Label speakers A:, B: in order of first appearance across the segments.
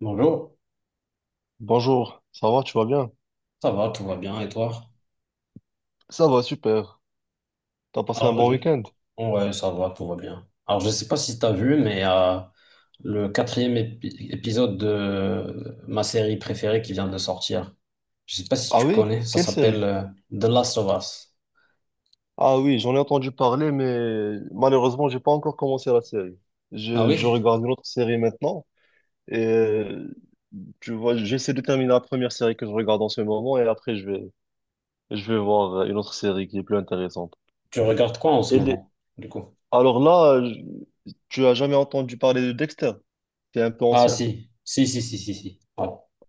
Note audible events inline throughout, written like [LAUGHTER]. A: Bonjour,
B: Bonjour, ça va, tu vas bien?
A: ça va, tout va bien, et toi?
B: Ça va, super. T'as passé un
A: Alors,
B: bon
A: je...
B: week-end?
A: Ouais, ça va, tout va bien. Alors, je sais pas si tu as vu, mais le quatrième épisode de ma série préférée qui vient de sortir, je sais pas si
B: Ah
A: tu
B: oui?
A: connais, ça
B: Quelle
A: s'appelle
B: série?
A: The Last of Us.
B: Ah oui, j'en ai entendu parler, mais malheureusement, j'ai pas encore commencé la série.
A: Ah
B: Je,
A: oui?
B: je regarde une autre série maintenant, et tu vois, j'essaie de terminer la première série que je regarde en ce moment, et après, je vais voir une autre série qui est plus intéressante.
A: Tu regardes quoi en ce
B: Et les-
A: moment, du coup?
B: Alors là, tu as jamais entendu parler de Dexter? C'est un peu
A: Ah
B: ancien.
A: si, si, si, si, si, si. Ouais.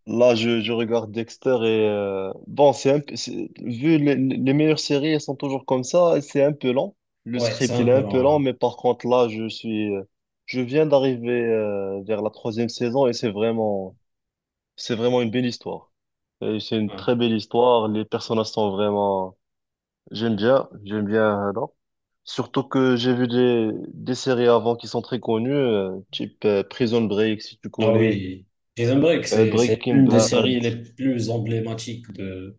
B: Là, je regarde Dexter et bon, c'est un peu- c'est- vu les meilleures séries, elles sont toujours comme ça. C'est un peu lent. Le
A: Ouais, c'est
B: script,
A: un
B: il est
A: peu
B: un peu
A: long,
B: lent,
A: hein.
B: mais par contre, là, je viens d'arriver vers la troisième saison et c'est vraiment une belle histoire. Et c'est une
A: Ouais.
B: très belle histoire. Les personnages sont vraiment, j'aime bien, j'aime bien. Non. Surtout que j'ai vu des séries avant qui sont très connues, type Prison Break, si tu
A: Ah
B: connais,
A: oui, Prison Break, c'est
B: Breaking
A: une des
B: Bad.
A: séries les plus emblématiques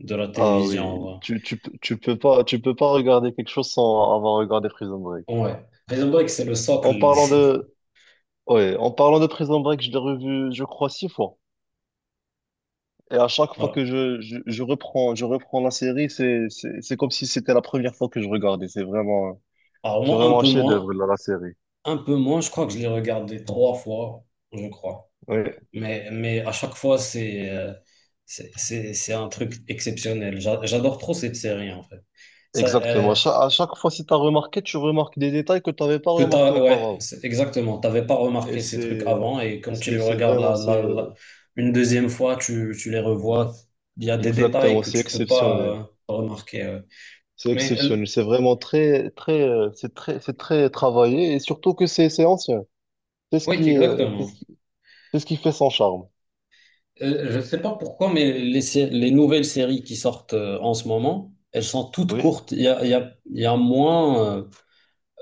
A: de la
B: Ah oui,
A: télévision.
B: tu peux pas regarder quelque chose sans avoir regardé Prison Break.
A: Ouais. Prison Break, c'est le socle.
B: En parlant
A: [LAUGHS]
B: de, ouais, en parlant de Prison Break, je l'ai revu, je crois, six fois. Et à chaque fois
A: Voilà.
B: que je reprends la série, c'est comme si c'était la première fois que je regardais. C'est vraiment,
A: Alors
B: c'est
A: moi, un
B: vraiment un
A: peu moins.
B: chef-d'œuvre, la série.
A: Un peu moins, je crois que je l'ai regardé trois fois, je crois.
B: Oui,
A: Mais à chaque fois, c'est c'est un truc exceptionnel. J'adore trop cette série, en fait. Ça,
B: exactement. À chaque fois, si t'as remarqué, tu remarques des détails que t'avais pas
A: que
B: remarqué
A: t'as, ouais,
B: auparavant.
A: c'est- exactement. T'avais pas
B: Et
A: remarqué ces trucs
B: c'est,
A: avant et quand tu les
B: c'est, c'est
A: regardes
B: vraiment, c'est,
A: une deuxième fois, tu les revois. Il y a des détails
B: Exactement,
A: que
B: c'est
A: tu peux pas
B: exceptionnel.
A: remarquer. Ouais.
B: C'est
A: Mais
B: exceptionnel, c'est vraiment très, très, c'est très travaillé et surtout que c'est ancien. C'est ce
A: oui,
B: qui, est- c'est ce
A: exactement.
B: qui, c'est ce qui fait son charme.
A: Je ne sais pas pourquoi, mais les nouvelles séries qui sortent en ce moment, elles sont toutes
B: Oui,
A: courtes. Il y a, il y a, il y a moins, euh,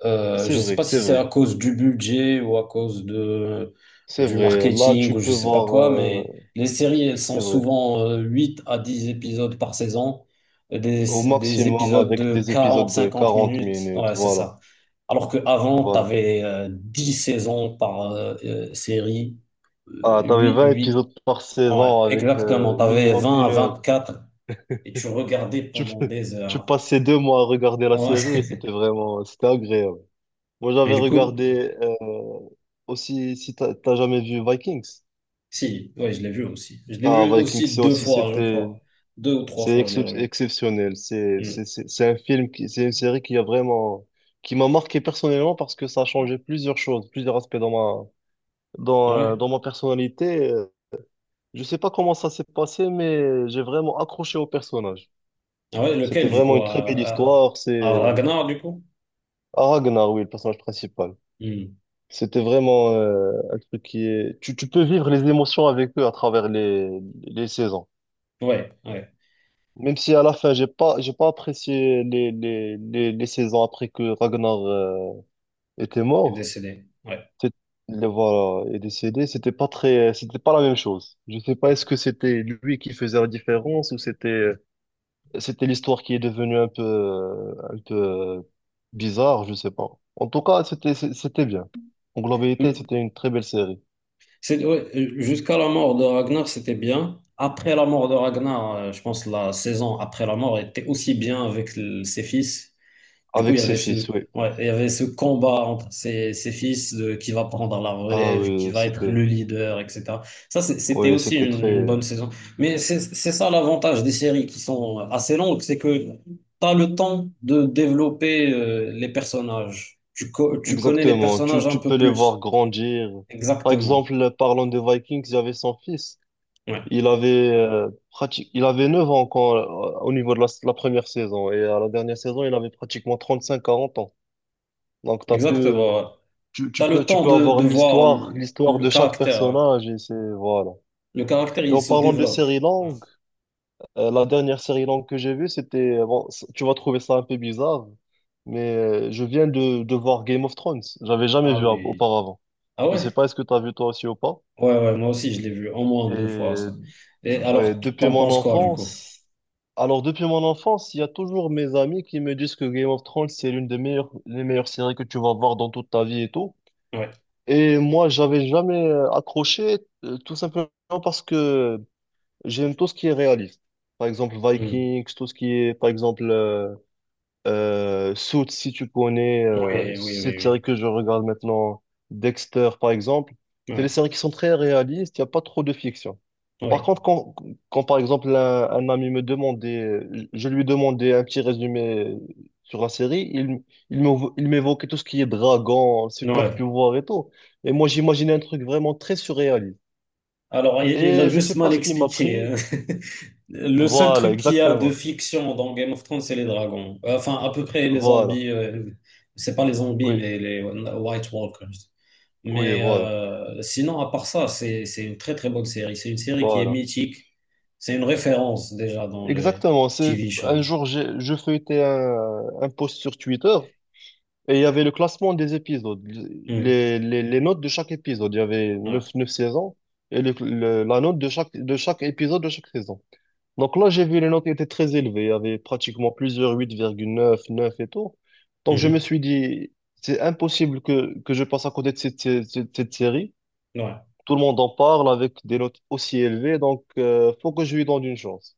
A: euh, je
B: c'est
A: ne sais
B: vrai,
A: pas si
B: c'est
A: c'est à
B: vrai,
A: cause du budget ou à cause de,
B: c'est
A: du
B: vrai. Là,
A: marketing
B: tu
A: ou je ne
B: peux
A: sais pas
B: voir,
A: quoi, mais les séries, elles sont
B: c'est vrai,
A: souvent 8 à 10 épisodes par saison, euh, des,
B: au
A: des
B: maximum
A: épisodes
B: avec
A: de
B: des
A: quarante,
B: épisodes de
A: cinquante
B: 40
A: minutes. Ouais,
B: minutes.
A: c'est
B: Voilà,
A: ça. Alors qu'avant, tu
B: voilà.
A: avais 10 saisons par série.
B: Ah, t'avais 20 épisodes par
A: Ouais,
B: saison avec
A: exactement. T'avais avais
B: minimum
A: 20 à
B: 1 heure.
A: 24 et tu regardais
B: Tu, [LAUGHS]
A: pendant
B: peux-
A: des
B: tu
A: heures,
B: passais 2 mois à regarder
A: hein.
B: la série
A: Ouais.
B: et c'était vraiment, c'était agréable. Moi,
A: [LAUGHS] Et
B: j'avais
A: du coup,
B: regardé aussi, si t'as jamais vu Vikings.
A: si, ouais, je l'ai vu aussi. Je l'ai
B: Ah,
A: vu
B: Vikings,
A: aussi
B: c'est
A: deux
B: aussi,
A: fois, je
B: c'était,
A: crois. Deux ou trois
B: c'est
A: fois, je l'ai revu.
B: exceptionnel. C'est, c'est,
A: Hmm.
B: c'est c'est un film qui, c'est une série qui a vraiment, qui m'a marqué personnellement parce que ça a changé plusieurs choses, plusieurs aspects dans ma, dans, euh,
A: Ouais.
B: dans ma personnalité. Je sais pas comment ça s'est passé, mais j'ai vraiment accroché au personnage.
A: Ah ouais,
B: C'était
A: lequel, du
B: vraiment
A: coup?
B: une très belle histoire.
A: À
B: C'est
A: Ragnar, du coup?
B: ah, Ragnar, oui, le personnage principal.
A: Hmm.
B: C'était vraiment, un truc qui est, tu peux vivre les émotions avec eux à travers les saisons.
A: Ouais, ouais.
B: Même si à la fin, j'ai pas apprécié les saisons après que Ragnar était
A: Il est
B: mort.
A: décédé. Ouais.
B: C'est- Le, voilà, est décédé. C'était pas très, c'était pas la même chose. Je sais pas, est-ce que c'était lui qui faisait la différence ou c'était, c'était l'histoire qui est devenue un peu euh, bizarre, je sais pas. En tout cas, c'était, c'était bien. En globalité,
A: Hmm.
B: c'était une très belle série.
A: C'est, ouais, jusqu'à la mort de Ragnar, c'était bien. Après la mort de Ragnar, je pense que la saison après la mort était aussi bien avec ses fils. Du coup, il
B: Avec
A: y
B: ses
A: avait
B: fils, oui.
A: ouais, il y avait ce combat entre ses fils de qui va prendre la
B: Ah
A: relève, qui va être le leader, etc. Ça, c'était
B: oui,
A: aussi
B: c'était
A: une
B: très.
A: bonne saison. Mais c'est ça l'avantage des séries qui sont assez longues, c'est que tu as le temps de développer les personnages. Tu connais les
B: Exactement,
A: personnages un
B: tu peux
A: peu
B: les voir
A: plus.
B: grandir. Par
A: Exactement.
B: exemple, parlant des Vikings, il y avait son fils.
A: Ouais,
B: Il avait 9 ans quand, au niveau de la première saison. Et à la dernière saison, il avait pratiquement 35 40 ans. Donc, t'as pu,
A: exactement. Tu as le
B: tu
A: temps
B: peux avoir
A: de voir
B: l'histoire, l'histoire
A: le
B: de chaque
A: caractère, hein.
B: personnage. Et c'est, voilà.
A: Le caractère,
B: Et
A: il
B: en
A: se
B: parlant de
A: développe.
B: séries
A: Ouais.
B: longues, la dernière série longue que j'ai vue, c'était bon, tu vas trouver ça un peu bizarre, mais je viens de voir Game of Thrones. J'avais jamais
A: Ah
B: vu
A: oui.
B: auparavant.
A: Ah
B: Je
A: ouais?
B: sais pas, est-ce que tu as vu toi aussi ou pas?
A: Ouais, ouais, moi aussi, je l'ai vu au moins deux fois,
B: Et
A: ça. Et
B: ouais,
A: alors,
B: depuis
A: t'en
B: mon
A: penses quoi, du coup?
B: enfance. Alors, depuis mon enfance, il y a toujours mes amis qui me disent que Game of Thrones, c'est l'une des meilleures, les meilleures séries que tu vas voir dans toute ta vie et tout.
A: Ouais.
B: Et moi, j'avais jamais accroché, tout simplement parce que j'aime tout ce qui est réaliste. Par exemple,
A: Hmm.
B: Vikings, tout ce qui est, par exemple, Suits, si tu connais,
A: Oui, oui,
B: cette
A: oui,
B: série que je regarde maintenant, Dexter par exemple,
A: oui.
B: c'est des
A: Ouais,
B: séries qui sont très réalistes, il n'y a pas trop de fiction. Par
A: ouais,
B: contre, quand, quand par exemple un ami me demandait, je lui demandais un petit résumé sur la série, il, il m'évoquait tout ce qui est dragon, super
A: ouais.
B: pouvoir et tout. Et moi, j'imaginais un truc vraiment très surréaliste.
A: Alors, il a
B: Et je
A: juste
B: sais
A: mal
B: pas ce qui m'a
A: expliqué, hein.
B: pris.
A: [LAUGHS] Le seul
B: Voilà,
A: truc qu'il y a de
B: exactement.
A: fiction dans Game of Thrones, c'est les dragons. Enfin, à peu près les zombies.
B: Voilà.
A: C'est pas les zombies,
B: Oui,
A: mais les White Walkers.
B: oui,
A: Mais
B: voilà.
A: sinon, à part ça, c'est une très très bonne série. C'est une série qui est
B: Voilà.
A: mythique. C'est une référence déjà dans les
B: Exactement. C'est
A: TV shows.
B: un jour, je feuilletais un post sur Twitter et il y avait le classement des épisodes,
A: Hmm.
B: les notes de chaque épisode. Il y avait
A: Ouais.
B: neuf saisons et la note de chaque épisode de chaque saison. Donc là, j'ai vu les notes étaient très élevées. Il y avait pratiquement plusieurs 8,9, neuf et tout. Donc je me
A: Mhm.
B: suis dit, c'est impossible que je passe à côté de cette série.
A: Ouais.
B: Tout le monde en parle avec des notes aussi élevées, donc faut que je lui donne une chance.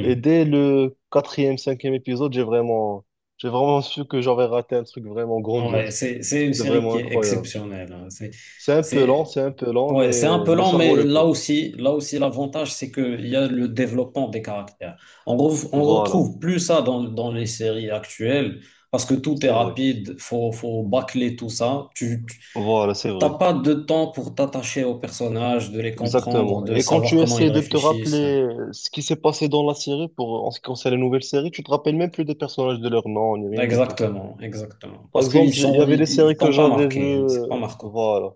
B: Et dès le quatrième, cinquième épisode, j'ai vraiment su que j'avais raté un truc vraiment
A: Ouais,
B: grandiose.
A: c'est une
B: C'est
A: série
B: vraiment
A: qui est
B: incroyable.
A: exceptionnelle, hein.
B: C'est un peu lent,
A: C'est,
B: c'est un peu lent,
A: ouais, c'est un peu
B: mais
A: lent,
B: ça vaut
A: mais
B: le coup.
A: là aussi, l'avantage, c'est qu'il y a le développement des caractères. On
B: Voilà.
A: retrouve plus ça dans, dans les séries actuelles, parce que tout est
B: C'est vrai.
A: rapide, faut bâcler tout ça.
B: Voilà, c'est
A: T'as
B: vrai.
A: pas de temps pour t'attacher aux personnages, de les comprendre,
B: Exactement.
A: de
B: Et quand
A: savoir
B: tu
A: comment ils
B: essaies de te
A: réfléchissent.
B: rappeler ce qui s'est passé dans la série pour, en ce qui concerne les nouvelles séries, tu te rappelles même plus des personnages de leur nom, ni rien du tout.
A: Exactement, exactement.
B: Par
A: Parce qu'ils
B: exemple, il y
A: sont,
B: avait des
A: ils
B: séries que
A: t'ont pas
B: j'avais vues,
A: marqué, hein, c'est pas marquant.
B: voilà.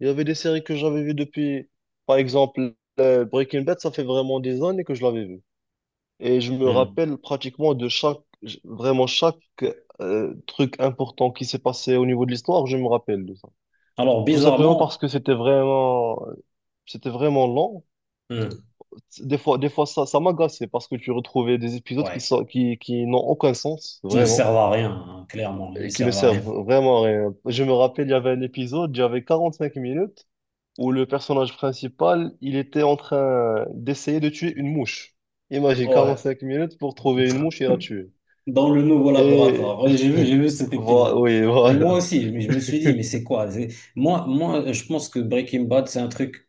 B: Il y avait des séries que j'avais vues depuis, par exemple, Breaking Bad, ça fait vraiment des années que je l'avais vu. Et je me
A: Mm.
B: rappelle pratiquement de chaque, vraiment chaque truc important qui s'est passé au niveau de l'histoire, je me rappelle de ça.
A: Alors,
B: Tout simplement parce
A: bizarrement,
B: que c'était vraiment lent.
A: hmm.
B: Des fois ça, ça m'agaçait parce que tu retrouvais des épisodes qui
A: Ouais,
B: sont, qui n'ont aucun sens,
A: qui ne
B: vraiment.
A: servent à rien, hein, clairement, ils ne
B: Et qui ne
A: servent à rien.
B: servent vraiment à rien. Je me rappelle, il y avait un épisode, il y avait 45 minutes, où le personnage principal, il était en train d'essayer de tuer une mouche. Imagine,
A: Ouais,
B: 45 minutes pour trouver une mouche et la tuer.
A: dans le nouveau
B: Et
A: laboratoire. Ouais, j'ai vu cet
B: [LAUGHS] voilà,
A: épisode.
B: oui,
A: Mais moi
B: voilà.
A: aussi, mais je me suis dit, mais c'est quoi? C'est- je pense que Breaking Bad, c'est un truc,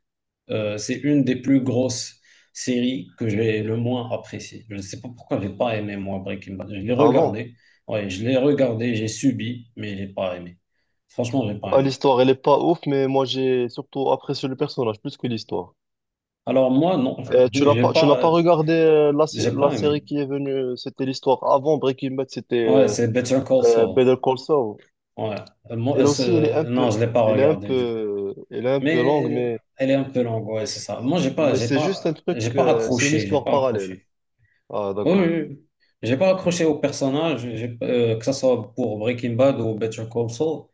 A: c'est une des plus grosses séries que j'ai le moins appréciée. Je ne sais pas pourquoi j'ai pas aimé, moi, Breaking Bad. Je l'ai
B: Ah bon?
A: regardé, ouais, je l'ai regardé, j'ai subi, mais j'ai pas aimé. Franchement, j'ai pas
B: Ah,
A: aimé.
B: l'histoire, elle est pas ouf, mais moi, j'ai surtout apprécié le personnage plus que l'histoire.
A: Alors moi, non, [LAUGHS] j'ai
B: Tu n'as
A: pas,
B: pas
A: euh,
B: regardé
A: j'ai
B: la
A: pas aimé.
B: série qui est venue, c'était l'histoire avant Breaking Bad, c'était
A: Ouais, c'est Better Call Saul.
B: Better Call Saul.
A: Ouais. Moi,
B: Elle aussi,
A: non, je l'ai pas regardé du coup.
B: elle est un peu longue,
A: Mais
B: mais,
A: elle est un peu longue, ouais,
B: mais
A: c'est
B: c'est
A: ça. Moi,
B: mais c'est juste un truc,
A: j'ai pas
B: c'est une
A: accroché, j'ai
B: histoire
A: pas accroché.
B: parallèle. Ah,
A: Oui, oui,
B: d'accord.
A: oui. J'ai pas accroché au personnage, que ça soit pour Breaking Bad ou Better Call Saul,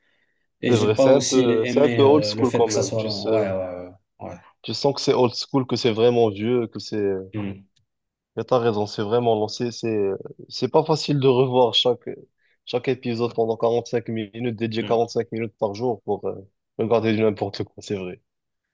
A: et
B: C'est
A: j'ai
B: vrai,
A: pas aussi
B: c'est un peu
A: aimé
B: old
A: le
B: school
A: fait
B: quand
A: que ça
B: même.
A: soit
B: Tu sais,
A: long. Ouais, ouais, ouais. Ouais.
B: tu sens que c'est old school, que c'est vraiment vieux, que c'est,
A: Mm,
B: mais t'as raison, c'est vraiment lancé, c'est pas facile de revoir chaque, chaque épisode pendant 45 minutes, dédié
A: mm.
B: 45 minutes par jour pour regarder du n'importe quoi, c'est vrai.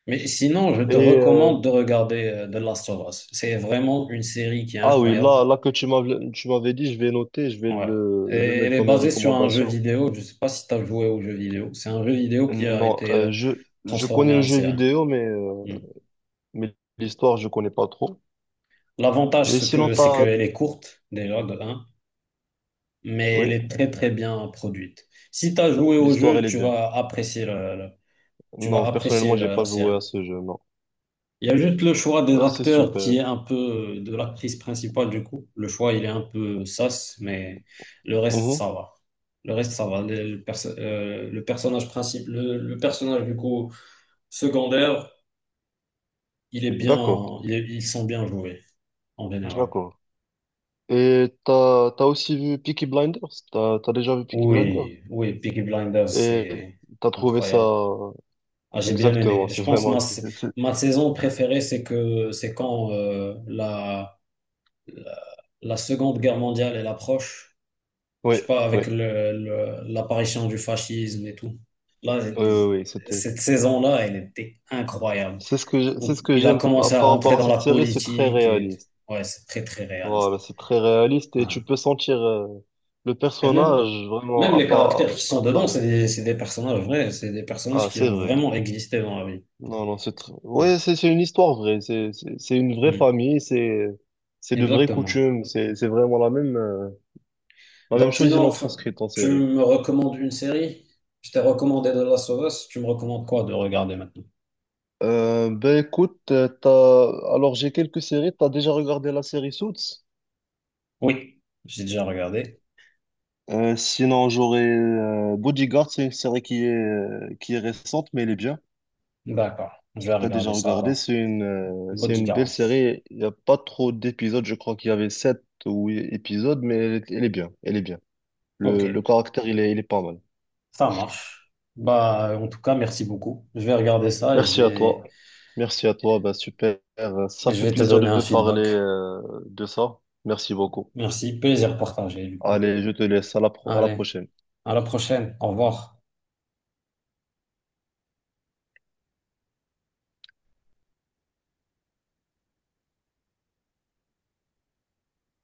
A: Mais sinon, je te
B: Et, euh,
A: recommande de regarder The Last of Us. C'est vraiment une série qui est
B: Ah oui,
A: incroyable.
B: là que tu m'avais dit, je vais noter, je vais
A: Ouais. Et
B: le
A: elle
B: mettre
A: est
B: dans mes
A: basée sur un jeu
B: recommandations.
A: vidéo. Je sais pas si tu as joué au jeu vidéo. C'est un jeu vidéo qui a
B: Non,
A: été
B: je connais
A: transformé
B: le
A: en
B: jeu
A: série.
B: vidéo, mais, euh,
A: Mm.
B: mais l'histoire, je connais pas trop.
A: L'avantage,
B: Et
A: c'est
B: sinon,
A: que, c'est
B: t'as.
A: qu'elle est courte, déjà, de 1, mais elle
B: Oui,
A: est très, très bien produite. Si tu as joué au
B: l'histoire,
A: jeu,
B: elle est
A: tu
B: bien.
A: vas apprécier tu vas
B: Non,
A: apprécier
B: personnellement, j'ai
A: la, la
B: pas joué
A: série.
B: à ce jeu, non.
A: Il y a juste le choix des
B: Bah, c'est
A: acteurs qui
B: super.
A: est un peu de l'actrice principale du coup. Le choix, il est un peu sas, mais le reste,
B: Mhm.
A: ça va. Le reste, ça va. Le personnage principal, le personnage du coup secondaire, il est
B: D'accord,
A: bien, ils sont bien joués en général.
B: d'accord. Et t'as aussi vu Peaky Blinders? T'as déjà vu Peaky Blinders?
A: Oui, oui, Peaky Blinders,
B: Et
A: c'est
B: t'as trouvé ça?
A: incroyable. Ah, j'ai bien
B: Exactement, [LAUGHS]
A: aimé. Je
B: c'est
A: pense
B: vraiment
A: ma, sa-
B: incroyable.
A: Ma saison préférée, c'est que c'est quand la Seconde Guerre mondiale elle approche. Je
B: Oui,
A: sais pas,
B: oui,
A: avec l'apparition du fascisme et tout. Là,
B: oui, oui, c'était.
A: cette saison-là, elle était incroyable.
B: C'est ce que c'est
A: Où
B: ce que
A: il a
B: j'aime
A: commencé
B: par
A: à
B: par rapport
A: rentrer
B: à
A: dans la
B: cette série, c'est très
A: politique et
B: réaliste.
A: ouais, c'est très très
B: Voilà,
A: réaliste.
B: c'est très réaliste
A: Ouais.
B: et tu peux sentir le
A: Et même,
B: personnage
A: même
B: vraiment à
A: les caractères
B: pas
A: qui sont
B: à
A: dedans,
B: travers.
A: c'est des personnages vrais, c'est des personnages
B: Ah,
A: qui
B: c'est
A: ont
B: vrai.
A: vraiment existé dans la vie.
B: Non, non,
A: Mm.
B: ouais, c'est une histoire vraie. C'est une vraie
A: Mm.
B: famille. C'est de vraies
A: Exactement.
B: coutumes. C'est vraiment la même
A: Donc,
B: chose. Ils l'ont
A: sinon,
B: transcrite en
A: tu
B: série.
A: me recommandes une série? Je t'ai recommandé de la of Us, tu me recommandes quoi de regarder maintenant?
B: Ben écoute, t'as alors j'ai quelques séries. T'as déjà regardé la série Suits?
A: Oui, j'ai déjà regardé.
B: Sinon, j'aurais Bodyguard, c'est une série qui est récente, mais elle est bien.
A: D'accord, je
B: Si
A: vais
B: tu as déjà
A: regarder ça
B: regardé,
A: alors.
B: c'est une belle
A: Bodyguard.
B: série. Il n'y a pas trop d'épisodes, je crois qu'il y avait sept ou huit épisodes, mais elle est bien. Elle est bien.
A: Ok,
B: Le caractère, il est pas mal.
A: ça marche. Bah, en tout cas, merci beaucoup. Je vais regarder ça et
B: Merci à toi. Merci à toi. Bah, super. Ça
A: je
B: fait
A: vais te
B: plaisir
A: donner
B: de
A: un
B: te parler
A: feedback.
B: de ça. Merci beaucoup.
A: Merci, plaisir partagé du coup.
B: Allez, je te laisse. À la
A: Allez,
B: prochaine.
A: à la prochaine. Au revoir.